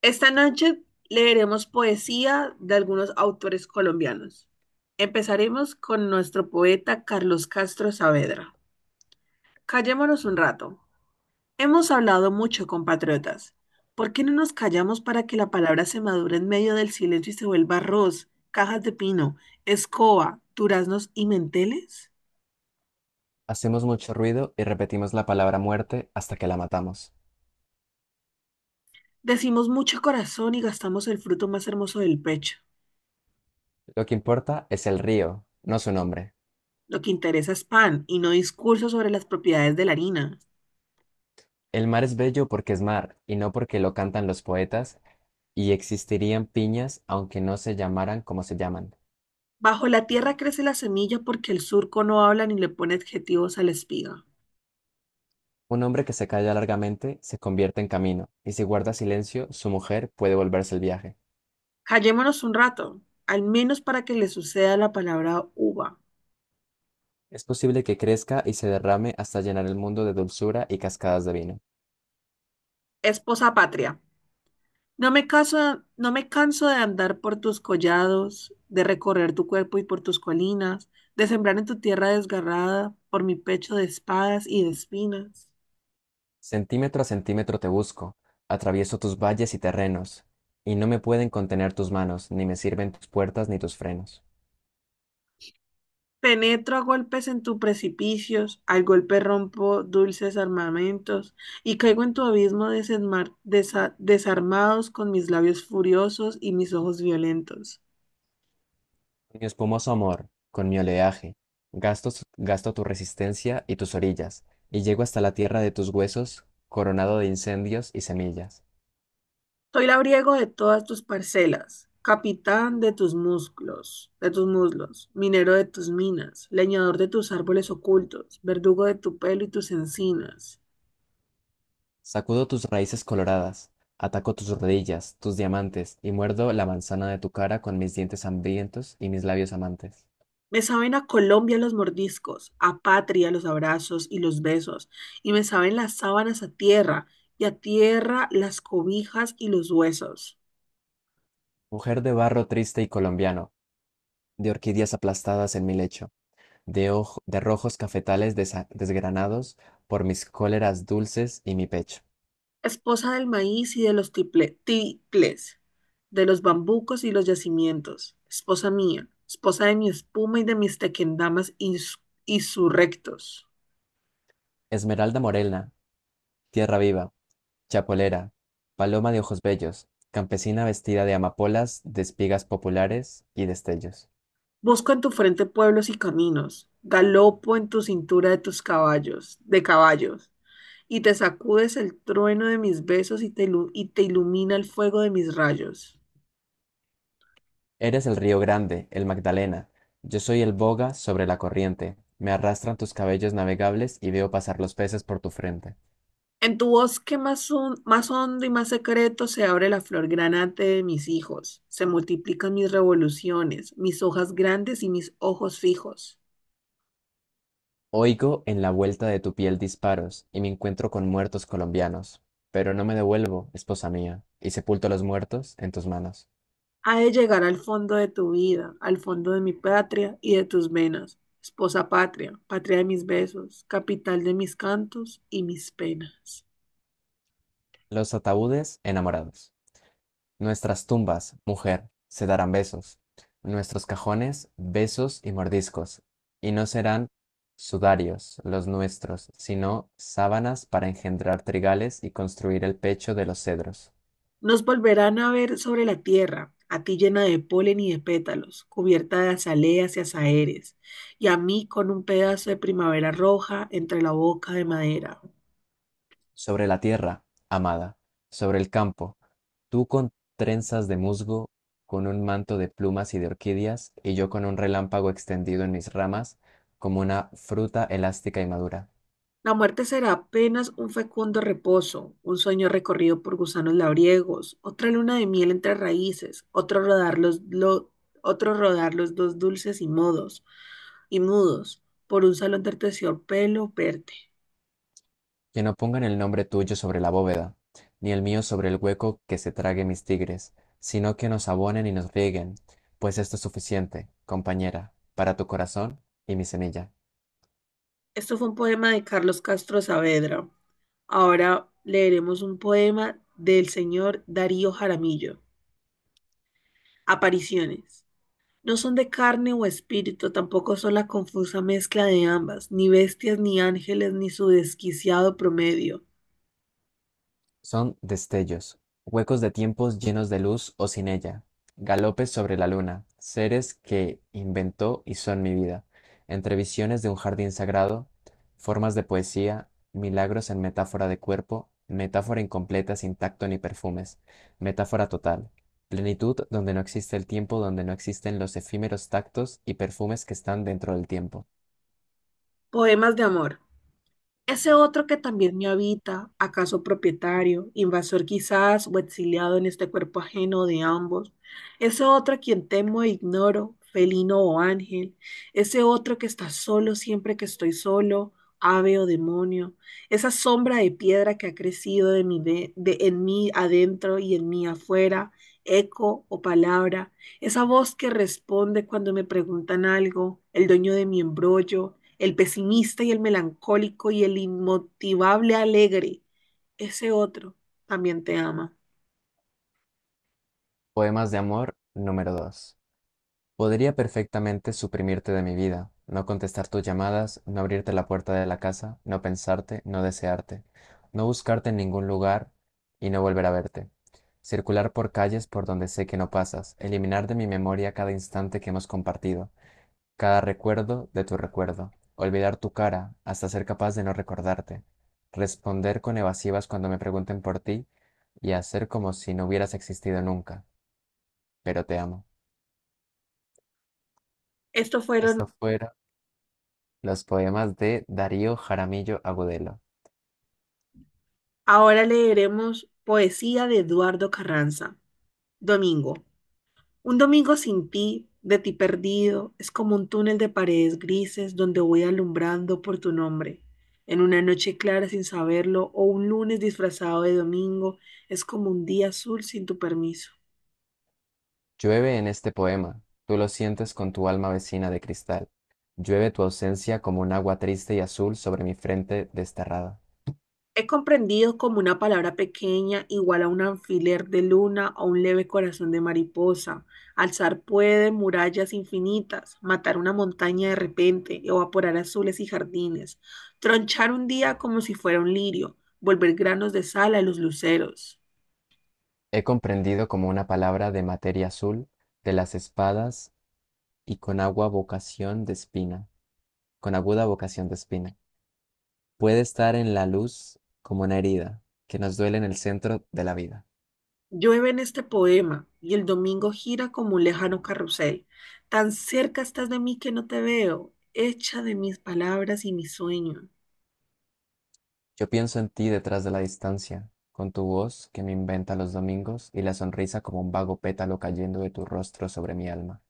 Esta noche leeremos poesía de algunos autores colombianos. Empezaremos con nuestro poeta Carlos Castro Saavedra. Callémonos un rato. Hemos hablado mucho, compatriotas. ¿Por qué no nos callamos para que la palabra se madure en medio del silencio y se vuelva arroz, cajas de pino, escoba, duraznos y menteles? Hacemos mucho ruido y repetimos la palabra muerte hasta que la matamos. Decimos mucho corazón y gastamos el fruto más hermoso del pecho. Lo que importa es el río, no su nombre. Lo que interesa es pan y no discursos sobre las propiedades de la harina. El mar es bello porque es mar y no porque lo cantan los poetas, y existirían piñas aunque no se llamaran como se llaman. Bajo la tierra crece la semilla porque el surco no habla ni le pone adjetivos a la espiga. Un hombre que se calla largamente se convierte en camino, y si guarda silencio, su mujer puede volverse el viaje. Callémonos un rato, al menos para que le suceda la palabra uva. Es posible que crezca y se derrame hasta llenar el mundo de dulzura y cascadas de vino. Esposa patria, no me caso, no me canso de andar por tus collados, de recorrer tu cuerpo y por tus colinas, de sembrar en tu tierra desgarrada, por mi pecho de espadas y de espinas. Centímetro a centímetro te busco, atravieso tus valles y terrenos, y no me pueden contener tus manos, ni me sirven tus puertas ni tus frenos. Penetro a golpes en tus precipicios, al golpe rompo dulces armamentos, y caigo en tu abismo desarmados con mis labios furiosos y mis ojos violentos. Con mi espumoso amor, con mi oleaje, gasto, gasto tu resistencia y tus orillas, y llego hasta la tierra de tus huesos, coronado de incendios y semillas. Soy labriego de todas tus parcelas, capitán de tus músculos, de tus muslos, minero de tus minas, leñador de tus árboles ocultos, verdugo de tu pelo y tus encinas. Sacudo tus raíces coloradas, ataco tus rodillas, tus diamantes, y muerdo la manzana de tu cara con mis dientes hambrientos y mis labios amantes. Me saben a Colombia los mordiscos, a patria los abrazos y los besos, y me saben las sábanas a tierra, y a tierra las cobijas y los huesos. Mujer de barro triste y colombiano, de orquídeas aplastadas en mi lecho, de rojos cafetales desgranados por mis cóleras dulces y mi pecho. Esposa del maíz y de los tiples, de los bambucos y los yacimientos. Esposa mía, esposa de mi espuma y de mis tequendamas insurrectos. Esmeralda morena, tierra viva, chapolera, paloma de ojos bellos, campesina vestida de amapolas, de espigas populares y destellos. Busco en tu frente pueblos y caminos, galopo en tu cintura de tus caballos, de caballos, y te sacudes el trueno de mis besos y te ilumina el fuego de mis rayos. Eres el río grande, el Magdalena. Yo soy el boga sobre la corriente. Me arrastran tus cabellos navegables y veo pasar los peces por tu frente. En tu bosque más hondo y más secreto se abre la flor granate de mis hijos, se multiplican mis revoluciones, mis hojas grandes y mis ojos fijos. Oigo en la vuelta de tu piel disparos y me encuentro con muertos colombianos, pero no me devuelvo, esposa mía, y sepulto a los muertos en tus manos. Ha de llegar al fondo de tu vida, al fondo de mi patria y de tus venas, esposa patria, patria de mis besos, capital de mis cantos y mis penas. Los ataúdes enamorados. Nuestras tumbas, mujer, se darán besos. Nuestros cajones, besos y mordiscos. Y no serán sudarios los nuestros, sino sábanas para engendrar trigales y construir el pecho de los cedros. Nos volverán a ver sobre la tierra, a ti llena de polen y de pétalos, cubierta de azaleas y azahares, y a mí con un pedazo de primavera roja entre la boca de madera. Sobre la tierra, amada, sobre el campo, tú con trenzas de musgo, con un manto de plumas y de orquídeas, y yo con un relámpago extendido en mis ramas, como una fruta elástica y madura. La muerte será apenas un fecundo reposo, un sueño recorrido por gusanos labriegos, otra luna de miel entre raíces, otro rodar los dos dulces y mudos por un salón de terciopelo verde. Que no pongan el nombre tuyo sobre la bóveda, ni el mío sobre el hueco que se trague mis tigres, sino que nos abonen y nos rieguen, pues esto es suficiente, compañera, para tu corazón y mi semilla. Esto fue un poema de Carlos Castro Saavedra. Ahora leeremos un poema del señor Darío Jaramillo. Apariciones. No son de carne o espíritu, tampoco son la confusa mezcla de ambas, ni bestias ni ángeles, ni su desquiciado promedio. Son destellos, huecos de tiempos llenos de luz o sin ella, galopes sobre la luna, seres que inventó y son mi vida, entre visiones de un jardín sagrado, formas de poesía, milagros en metáfora de cuerpo, metáfora incompleta sin tacto ni perfumes, metáfora total, plenitud donde no existe el tiempo, donde no existen los efímeros tactos y perfumes que están dentro del tiempo. Poemas de amor. Ese otro que también me habita, acaso propietario, invasor quizás o exiliado en este cuerpo ajeno de ambos, ese otro a quien temo e ignoro, felino o ángel, ese otro que está solo siempre que estoy solo, ave o demonio, esa sombra de piedra que ha crecido de mi de- en mí adentro y en mí afuera, eco o palabra, esa voz que responde cuando me preguntan algo, el dueño de mi embrollo, el pesimista y el melancólico y el inmotivable alegre, ese otro también te ama. Poemas de amor número 2. Podría perfectamente suprimirte de mi vida, no contestar tus llamadas, no abrirte la puerta de la casa, no pensarte, no desearte, no buscarte en ningún lugar y no volver a verte. Circular por calles por donde sé que no pasas, eliminar de mi memoria cada instante que hemos compartido, cada recuerdo de tu recuerdo, olvidar tu cara hasta ser capaz de no recordarte, responder con evasivas cuando me pregunten por ti y hacer como si no hubieras existido nunca, pero te amo. Estos Esto fueron, fuera. Los poemas de Darío Jaramillo Agudelo. ahora leeremos poesía de Eduardo Carranza. Domingo. Un domingo sin ti, de ti perdido, es como un túnel de paredes grises donde voy alumbrando por tu nombre. En una noche clara sin saberlo o un lunes disfrazado de domingo, es como un día azul sin tu permiso. Llueve en este poema, tú lo sientes con tu alma vecina de cristal. Llueve tu ausencia como un agua triste y azul sobre mi frente desterrada. Es comprendido como una palabra pequeña igual a un alfiler de luna o un leve corazón de mariposa. Alzar puede murallas infinitas, matar una montaña de repente, evaporar azules y jardines, tronchar un día como si fuera un lirio, volver granos de sal a los luceros. He comprendido como una palabra de materia azul, de las espadas y con agua vocación de espina, con aguda vocación de espina. Puede estar en la luz como una herida que nos duele en el centro de la vida. Llueve en este poema y el domingo gira como un lejano carrusel. Tan cerca estás de mí que no te veo, hecha de mis palabras y mis sueños, Yo pienso en ti detrás de la distancia, con tu voz que me inventa los domingos y la sonrisa como un vago pétalo cayendo de tu rostro sobre mi alma.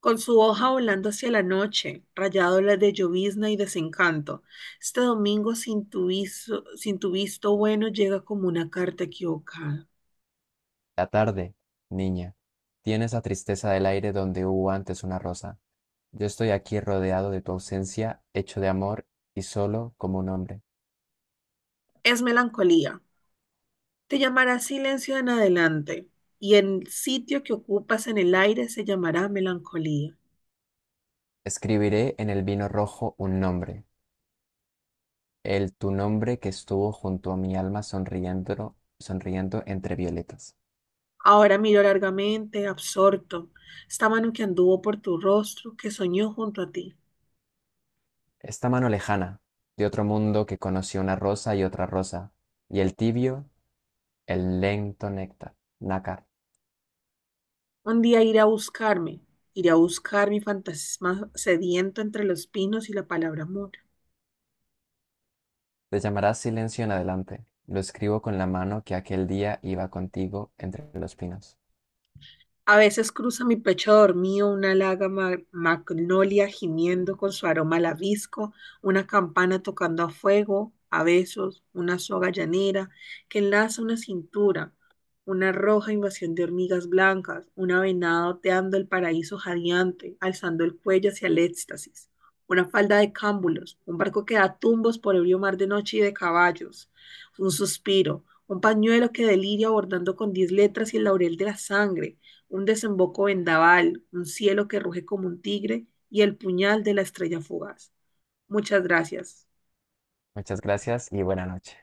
con su hoja volando hacia la noche, rayádolas de llovizna y desencanto. Este domingo sin tu visto bueno llega como una carta equivocada. La tarde, niña, tiene esa tristeza del aire donde hubo antes una rosa. Yo estoy aquí rodeado de tu ausencia, hecho de amor y solo como un hombre. Es melancolía. Te llamará silencio en adelante, y el sitio que ocupas en el aire se llamará melancolía. Escribiré en el vino rojo un nombre, el tu nombre que estuvo junto a mi alma sonriendo, sonriendo entre violetas. Ahora miro largamente, absorto, esta mano que anduvo por tu rostro, que soñó junto a ti. Esta mano lejana, de otro mundo que conoció una rosa y otra rosa, y el tibio, el lento néctar, nácar. Un día iré a buscarme, iré a buscar mi fantasma sediento entre los pinos y la palabra amor. Te llamarás silencio en adelante. Lo escribo con la mano que aquel día iba contigo entre los pinos. A veces cruza mi pecho dormido una magnolia gimiendo con su aroma labisco, una campana tocando a fuego, a besos, una soga llanera que enlaza una cintura, una roja invasión de hormigas blancas, una venada oteando el paraíso jadeante, alzando el cuello hacia el éxtasis, una falda de cámbulos, un barco que da tumbos por ebrio mar de noche y de caballos, un suspiro, un pañuelo que deliria bordando con 10 letras y el laurel de la sangre un desemboco vendaval, un cielo que ruge como un tigre y el puñal de la estrella fugaz. Muchas gracias. Muchas gracias y buena noche.